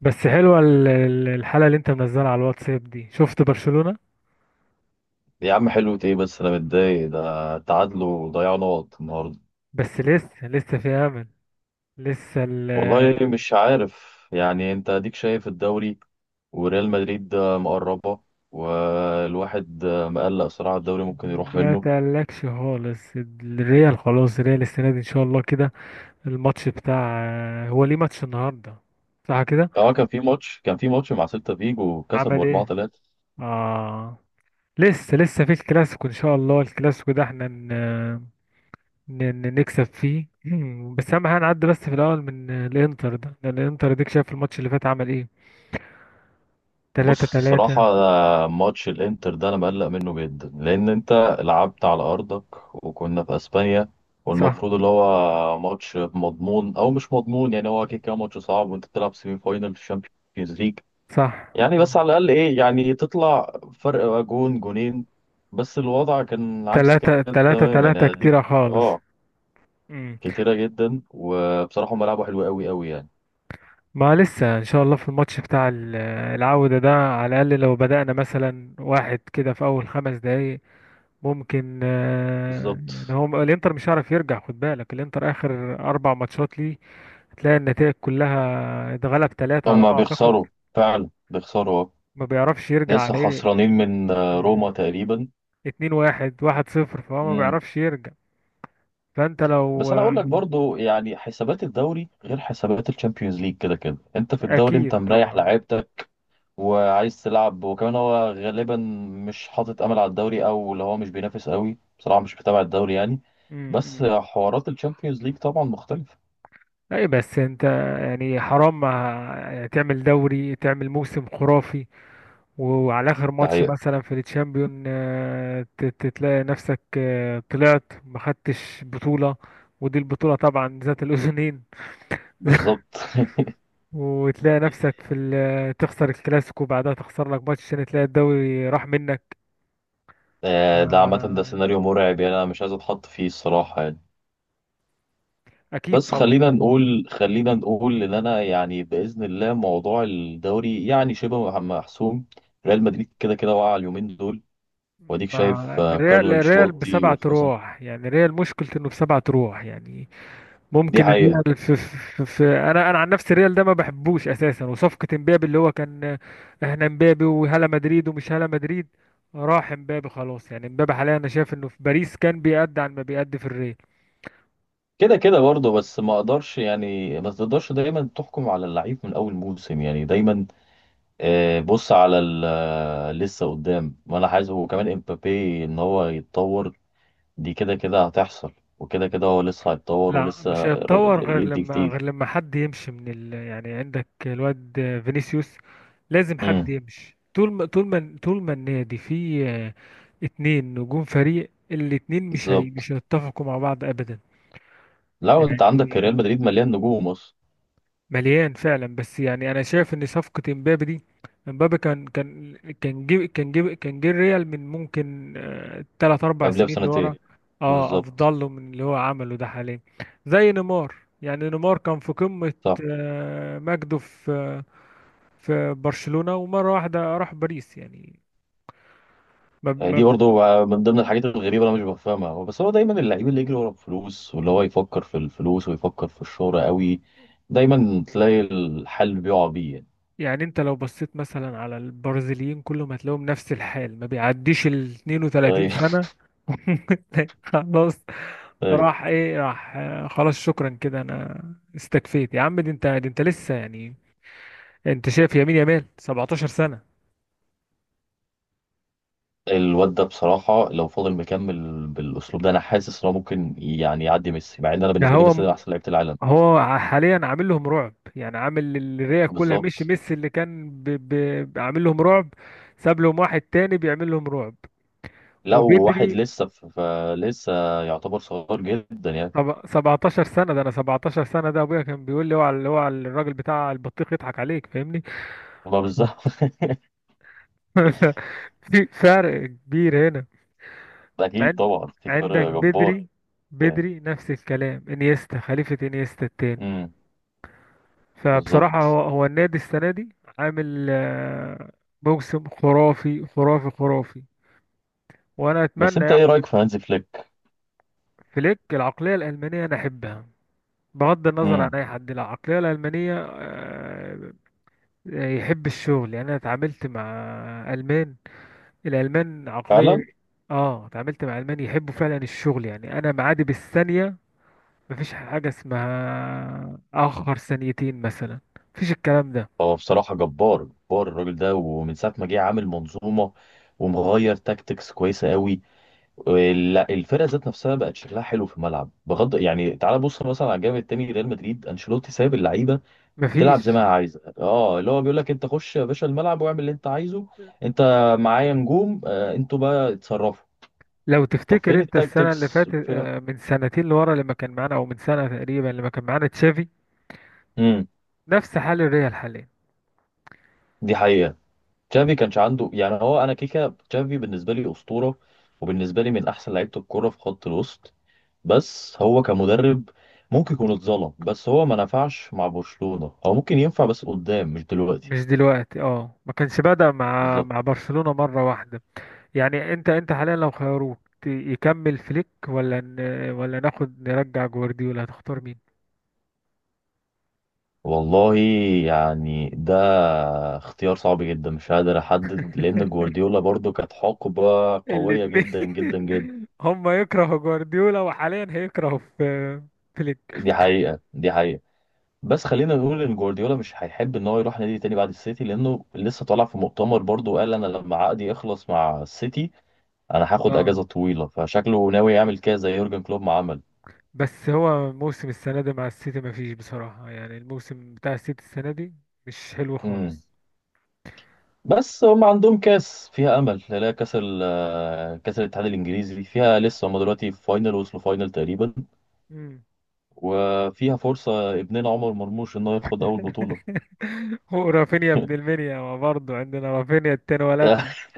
بس حلوة الحلقة اللي انت منزلها على الواتساب دي، شفت برشلونة. يا عم حلو ايه؟ بس انا متضايق ده تعادلوا وضيعوا نقط النهارده. بس لسه في امل. لسه ال- والله مش عارف، يعني انت اديك شايف الدوري وريال مدريد مقربة، والواحد مقلق صراحة الدوري ممكن يروح ما منه. تقلقش خالص، الريال خلاص. الريال السنة دي ان شاء الله كده. الماتش بتاع، هو ليه ماتش النهاردة؟ صح كده، اه، كان في ماتش مع سيلتا فيجو كسبوا عمل ايه؟ 4-3. اه. لسه في الكلاسيكو ان شاء الله. الكلاسيكو ده احنا نكسب فيه. بس اهم حاجة نعدي بس في الاول من الانتر ده، لان الانتر، ديك شايف الماتش اللي فات عمل ايه؟ 3 بص الصراحة، 3 ماتش الانتر ده انا مقلق منه جدا، لان انت لعبت على ارضك وكنا في اسبانيا، صح، والمفروض اللي هو ماتش مضمون او مش مضمون، يعني هو كده كده ماتش صعب وانت بتلعب سيمي فاينل في الشامبيونز ليج. صح. يعني بس على الاقل ايه، يعني تطلع فرق جون جونين، بس الوضع كان عكس تلاتة كده تلاتة، الموضوع تماما تلاتة ده يعني دي. كتيرة خالص. اه مم. كتيرة جدا، وبصراحة هم لعبوا حلو قوي قوي يعني. ما لسه ان شاء الله في الماتش بتاع العودة ده، على الاقل لو بدأنا مثلا واحد كده في اول خمس دقايق ممكن. يعني بالظبط. هو الانتر مش هيعرف يرجع. خد بالك الانتر اخر اربع ماتشات ليه هتلاقي النتائج كلها اتغلب تلاتة على هم ما اعتقد. بيخسروا، فعلا بيخسروا. ما بيعرفش يرجع لسه على ايه. خسرانين من آه، روما تقريبا. اتنين واحد، واحد صفر، فهو ما امم بيعرفش يرجع. فانت لو بس انا اقول لك برضو، يعني حسابات الدوري غير حسابات الشامبيونز ليج، كده كده انت في الدوري انت اكيد مريح طبعا. لعيبتك وعايز تلعب، وكمان هو غالبا مش حاطط امل على الدوري، او اللي هو مش بينافس قوي، بصراحة مش متابع الدوري يعني. بس مم. حوارات الشامبيونز ليج طبعا مختلفة. اي بس انت، يعني حرام تعمل دوري، تعمل موسم خرافي، وعلى اخر ده ماتش حقيقة. مثلا في التشامبيون تتلاقي نفسك طلعت ما خدتش بطولة، ودي البطولة طبعا ذات الاذنين. بالظبط. وتلاقي نفسك في تخسر الكلاسيكو، بعدها تخسر لك ماتش، عشان تلاقي الدوري راح منك. ده عامة ده آه، سيناريو مرعب، يعني انا مش عايز اتحط فيه الصراحة يعني. اكيد بس طبعا. خلينا نقول ان انا، يعني باذن الله موضوع الدوري يعني شبه محسوم. ريال مدريد كده كده وقع اليومين دول، واديك شايف ما الريال كارلو الريال انشيلوتي بسبعة والخسارة. روح يعني، الريال مشكلته انه بسبعة روح يعني. دي ممكن حقيقه. الريال في، انا عن نفسي الريال ده ما بحبوش اساسا، وصفقه امبابي اللي هو كان، احنا امبابي وهلا مدريد ومش هلا مدريد. راح امبابي خلاص يعني. امبابي حاليا انا شايف انه في باريس كان بيأدي عن ما بيأدي في الريال. كده كده برضه، بس ما اقدرش، يعني ما تقدرش دايما تحكم على اللعيب من اول موسم، يعني دايما بص على لسه قدام، وانا عايز هو كمان امبابي ان هو يتطور. دي كده كده هتحصل، وكده كده هو لسه هيتطور لا مش ولسه هيتطور غير يدي لما كتير. حد يمشي من يعني عندك الواد فينيسيوس. لازم حد امم. يمشي. طول ما النادي فيه اتنين نجوم فريق، الاتنين بالظبط. مش هيتفقوا مع بعض ابدا. لا، انت عندك ريال يعني مدريد مليان نجوم اصلا. مليان فعلا، بس يعني انا شايف ان صفقه امبابي دي، امبابي كان، جيب كان جيب كان جه الريال من ممكن تلات اربع قبلها سنين اللي ورا، بسنتين. اه بالظبط. افضل له من اللي هو عمله ده حاليا. زي نيمار يعني. نيمار كان في قمه صح. مجده في برشلونه، ومره واحده راح باريس يعني. ما دي برضه من ضمن الحاجات الغريبه اللي انا مش بفهمها، هو بس هو دايما اللعيب اللي يجري ورا الفلوس، واللي هو يفكر في الفلوس ويفكر في الشهره قوي، دايما تلاقي الحل بيقع بيه يعني. يعني انت لو بصيت مثلا على البرازيليين كلهم، هتلاقيهم نفس الحال، ما بيعديش ال 32 ايوه. سنة. خلاص. ايوه. راح ايه، راح خلاص شكرا كده. انا استكفيت يا عم. دي انت لسه يعني، انت شايف يمين يمال 17 سنة. الواد ده بصراحه لو فضل مكمل بالاسلوب ده، انا حاسس ان هو ممكن يعني يعدي ميسي، مع ان انا ده بالنسبه لي هو ميسي ده م- احسن لعيبه العالم. هو ع- حاليا عامل لهم رعب يعني. عامل الريا كلها، مش بالظبط. ميسي اللي كان عامل لهم رعب. ساب لهم واحد تاني بيعمل لهم رعب، لا، وواحد وبدري. لسه يعتبر صغير جدا يعني. طب 17 سنة، ده انا 17 سنة ده ابويا كان بيقول لي اوعى اللي هو الراجل بتاع البطيخ يضحك عليك، فاهمني؟ ما بالظبط. في فرق كبير هنا. اكيد عند طبعا في عندك فرق جبار بدري، يعني. بدري نفس الكلام، انيستا، خليفة انيستا التاني. امم. فبصراحة بالظبط. هو النادي السنة دي عامل موسم خرافي خرافي خرافي، وانا بس اتمنى انت ايه ياخد. رايك في هانز فليك؟ فليك، العقلية الألمانية انا احبها، بغض النظر عن امم. اي حد. العقلية الألمانية يحب الشغل. يعني انا اتعاملت مع المان، الالمان فعلا. عقليه. اه اتعاملت مع المان، يحبوا فعلا مم. الشغل. يعني انا معادي بالثانيه، مفيش حاجه اسمها اخر ثانيتين مثلا، مفيش الكلام ده هو بصراحه جبار جبار الراجل ده، ومن ساعه ما جه عامل منظومه، ومغير تاكتكس كويسه قوي. الفرقه ذات نفسها بقت شكلها حلو في الملعب، بغض يعني. تعال بص مثلا على الجانب التاني، ريال مدريد انشيلوتي سايب اللعيبه تلعب زي مفيش. ما هي عايزه. اه، اللي هو بيقول لك انت خش يا باشا الملعب واعمل اللي انت عايزه، انت معايا نجوم، آه انتوا بقى اتصرفوا. لو طب تفتكر فين انت السنه اللي التاكتكس؟ فاتت من سنتين لورا لما كان معانا، او من سنه تقريبا لما كان معانا تشافي، امم. نفس حال الريال حاليا. دي حقيقة. تشافي كانش عنده، يعني هو انا كيكا، تشافي بالنسبة لي أسطورة، وبالنسبة لي من احسن لعيبة الكورة في خط الوسط، بس هو كمدرب ممكن يكون اتظلم، بس هو ما نفعش مع برشلونة، هو ممكن ينفع بس قدام مش دلوقتي. مش دلوقتي، اه. ما كانش بدأ مع بالظبط. برشلونه مره واحده يعني. انت حاليا لو خيروك يكمل فليك ولا ناخد نرجع جوارديولا، هتختار مين؟ والله، يعني ده اختيار صعب جدا مش قادر احدد، لان جوارديولا برضو كانت حقبة قوية الاتنين. جدا جدا جدا. هما يكرهوا جوارديولا، وحاليا هيكرهوا في فليك. دي حقيقة، دي حقيقة. بس خلينا نقول ان جوارديولا مش هيحب ان هو يروح نادي تاني بعد السيتي، لانه لسه طالع في مؤتمر برضه قال انا لما عقدي يخلص مع السيتي انا هاخد اه اجازه طويله، فشكله ناوي يعمل كده زي يورجن كلوب ما عمل. بس هو موسم السنة دي مع السيتي مفيش بصراحة يعني. الموسم بتاع السيتي السنة دي مش حلو امم. خالص. بس هم عندهم كاس فيها امل، لا كاس ال آه، كاس الاتحاد الانجليزي فيها لسه، هم دلوقتي في فاينل، وصلوا فاينل تقريبا، مم. وفيها فرصه ابننا عمر مرموش انه ياخد اول بطوله. ورافينيا ابن المنيا، ما برضه عندنا رافينيا التاني، ولدنا.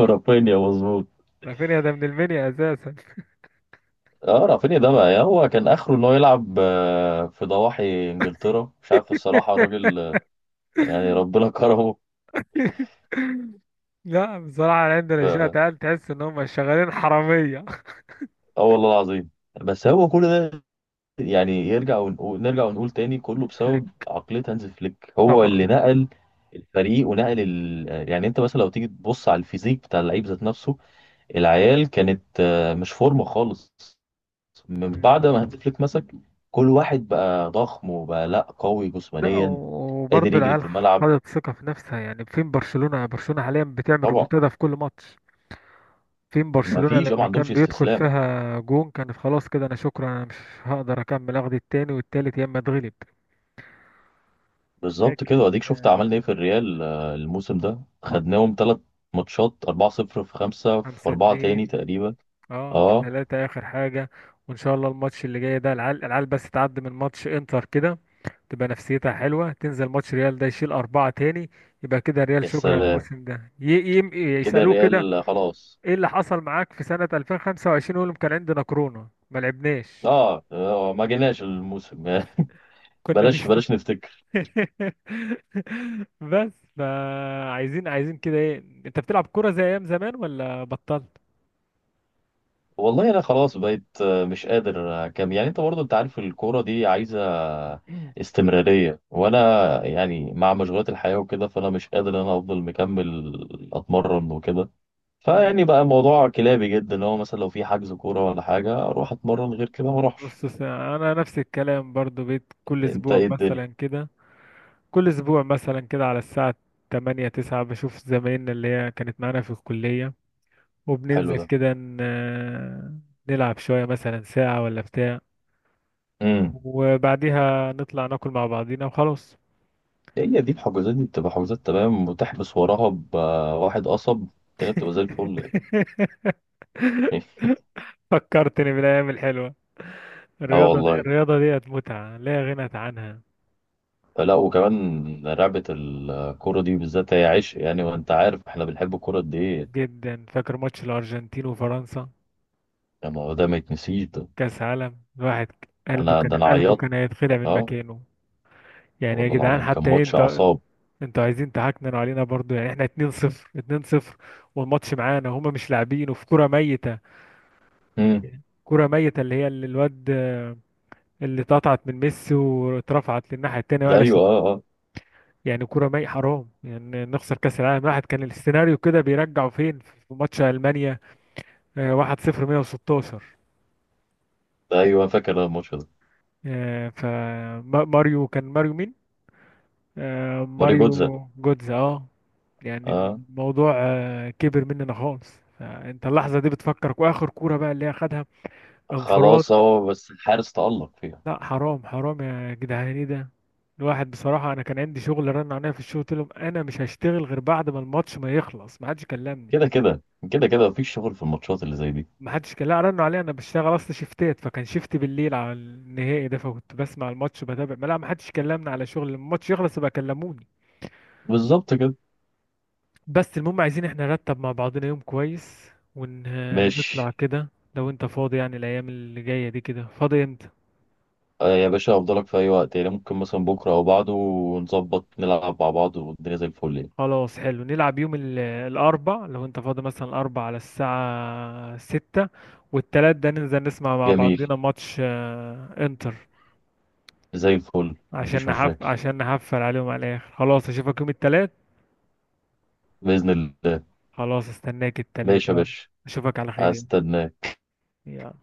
رافينيا مظبوط. رافينيا ده ابن المنيا اساسا. اه، رافينيا ده بقى، يعني هو كان اخره ان هو يلعب في ضواحي انجلترا مش عارف، الصراحه الراجل آه، يعني ربنا كرمه. لا بصراحة عندنا شوية ف- عيال تحس إن هم شغالين حرامية. اه والله العظيم. بس هو كل ده، يعني يرجع ونقول، نرجع ونقول تاني كله بسبب فليك عقليه هانز فليك، هو اللي طبعا. نقل الفريق ونقل ال... يعني انت مثلا لو تيجي تبص على الفيزيك بتاع اللعيب ذات نفسه، العيال كانت مش فورمه خالص، من مم. بعد ما هانز فليك مسك كل واحد بقى ضخم وبقى لا قوي لا جسمانيا قادر وبرضه يجري العيال في الملعب. خدت ثقة في نفسها. يعني فين برشلونة؟ برشلونة حاليا بتعمل طبعا. ريمونتادا في كل ماتش. فين برشلونة ما لما عندهمش كان بيدخل استسلام. فيها جون، كان خلاص كده أنا شكرا، أنا مش هقدر أكمل، أخد التاني والتالت، يا إما أتغلب. بالظبط كده. لكن واديك شفت عملنا ايه في الريال الموسم ده خدناهم 3 ماتشات 4-0، في خمسة في خمسة أربعة تاني اتنين. تقريبا. اه، في اه. تلاتة آخر حاجة. وإن شاء الله الماتش اللي جاي ده، العيال بس تعدي من ماتش إنتر كده، تبقى نفسيتها حلوة، تنزل ماتش ريال ده يشيل أربعة تاني، يبقى كده ريال يا شكرا سلام، الموسم ده كده يسألوه كده الريال خلاص. إيه اللي حصل معاك في سنة 2025، يقول لهم كان عندنا كورونا ما لعبناش. اه ما جيناش الموسم. كنا مش بلاش بلاش نفتكر. بس فعايزين كده ايه، انت بتلعب كورة زي ايام زمان ولا بطلت؟ والله انا خلاص بقيت مش قادر كام، يعني انت برضه انت عارف الكورة دي عايزة استمرارية، وانا يعني مع مشغولات الحياة وكده، فانا مش قادر ان انا افضل مكمل اتمرن وكده. فيعني بقى الموضوع كلابي جدا، اللي هو مثلا لو في حجز كورة ولا حاجة أروح أتمرن، غير كده ما أروحش. بص انا نفس الكلام برضو، بيت كل أنت اسبوع إيه الدنيا؟ مثلا كده، كل اسبوع مثلا كده على الساعة 8 9 بشوف زمايلنا اللي هي كانت معانا في الكلية، حلو وبننزل ده. كده نلعب شوية مثلا ساعة ولا بتاع، امم. وبعديها نطلع ناكل مع بعضينا وخلاص. هي دي الحجوزات، دي بتبقى حجوزات تمام وتحبس وراها بواحد قصب، التانية بتبقى زي الفل يعني. فكرتني بالأيام الحلوة. اه الرياضة دي، والله. الرياضة ديت متعة لا غنى عنها. فلا، وكمان لعبة الكورة دي بالذات هي عشق يعني، وأنت عارف إحنا بنحب الكورة قد إيه. جدا، فاكر ماتش الأرجنتين وفرنسا يعني ما هو ده ما يتنسيش ده. كأس عالم؟ الواحد قلبه كان، أنا قلبه ايوه عيطت. كان هيتخلع من أه مكانه. يعني يا والله جدعان العظيم كان حتى إيه ماتش انت، متعة. أعصاب. انتوا عايزين تهكننوا علينا برضو يعني؟ احنا 2-0 2-0 والماتش معانا وهما مش لاعبين، وفي كرة ميتة، امم. كرة ميتة اللي هي اللي الواد اللي اتقطعت من ميسي واترفعت للناحية التانية أيوه. وقلشت. أه. أه. يعني كرة ميتة. حرام يعني نخسر كأس العالم. الواحد كان السيناريو كده بيرجعوا، فين في ماتش ألمانيا 1-0 116. ده أيوه فاكر الماتش ده. فماريو، كان ماريو مين؟ ماري جوتزا. ماريو جودز، اه. يعني أه. الموضوع كبر مننا خالص. انت اللحظة دي بتفكرك، واخر كورة بقى اللي هي خدها انفراد. خلاص اهو، بس الحارس تألق فيها. لا حرام، حرام يا جدعان، ايه ده؟ الواحد بصراحة انا كان عندي شغل، رن عليا في الشغل، قلت لهم انا مش هشتغل غير بعد ما الماتش ما يخلص. ما حدش كلمني. كده كده كده كده مفيش شغل في الماتشات اللي زي دي. ما حدش لا، رنوا عليا، انا بشتغل اصلا شيفتات، فكان شيفت بالليل على النهائي ده، فكنت بسمع الماتش بتابع. ما لا، ما حدش كلمني على شغل، لما الماتش يخلص يبقى كلموني. بالظبط كده. بس المهم عايزين احنا نرتب مع بعضنا يوم كويس، ونطلع ماشي. كده لو انت فاضي يعني. الايام اللي جاية دي كده فاضي امتى؟ آه يا باشا، افضلك في اي وقت، يعني ممكن مثلا بكره او بعده نظبط نلعب مع بعض والدنيا زي الفل يعني. خلاص حلو، نلعب يوم الاربع، لو انت فاضي مثلا الاربع على الساعة ستة. والتلات ده ننزل نسمع مع جميل، بعضنا ماتش انتر، زي الفل مفيش مشاكل. عشان نحفل عليهم على الاخر. خلاص اشوفك يوم التلات. بإذن الله. خلاص استناك التلات، ماشي يا يلا. باشا. اشوفك على خير يعني. هستناك. يلا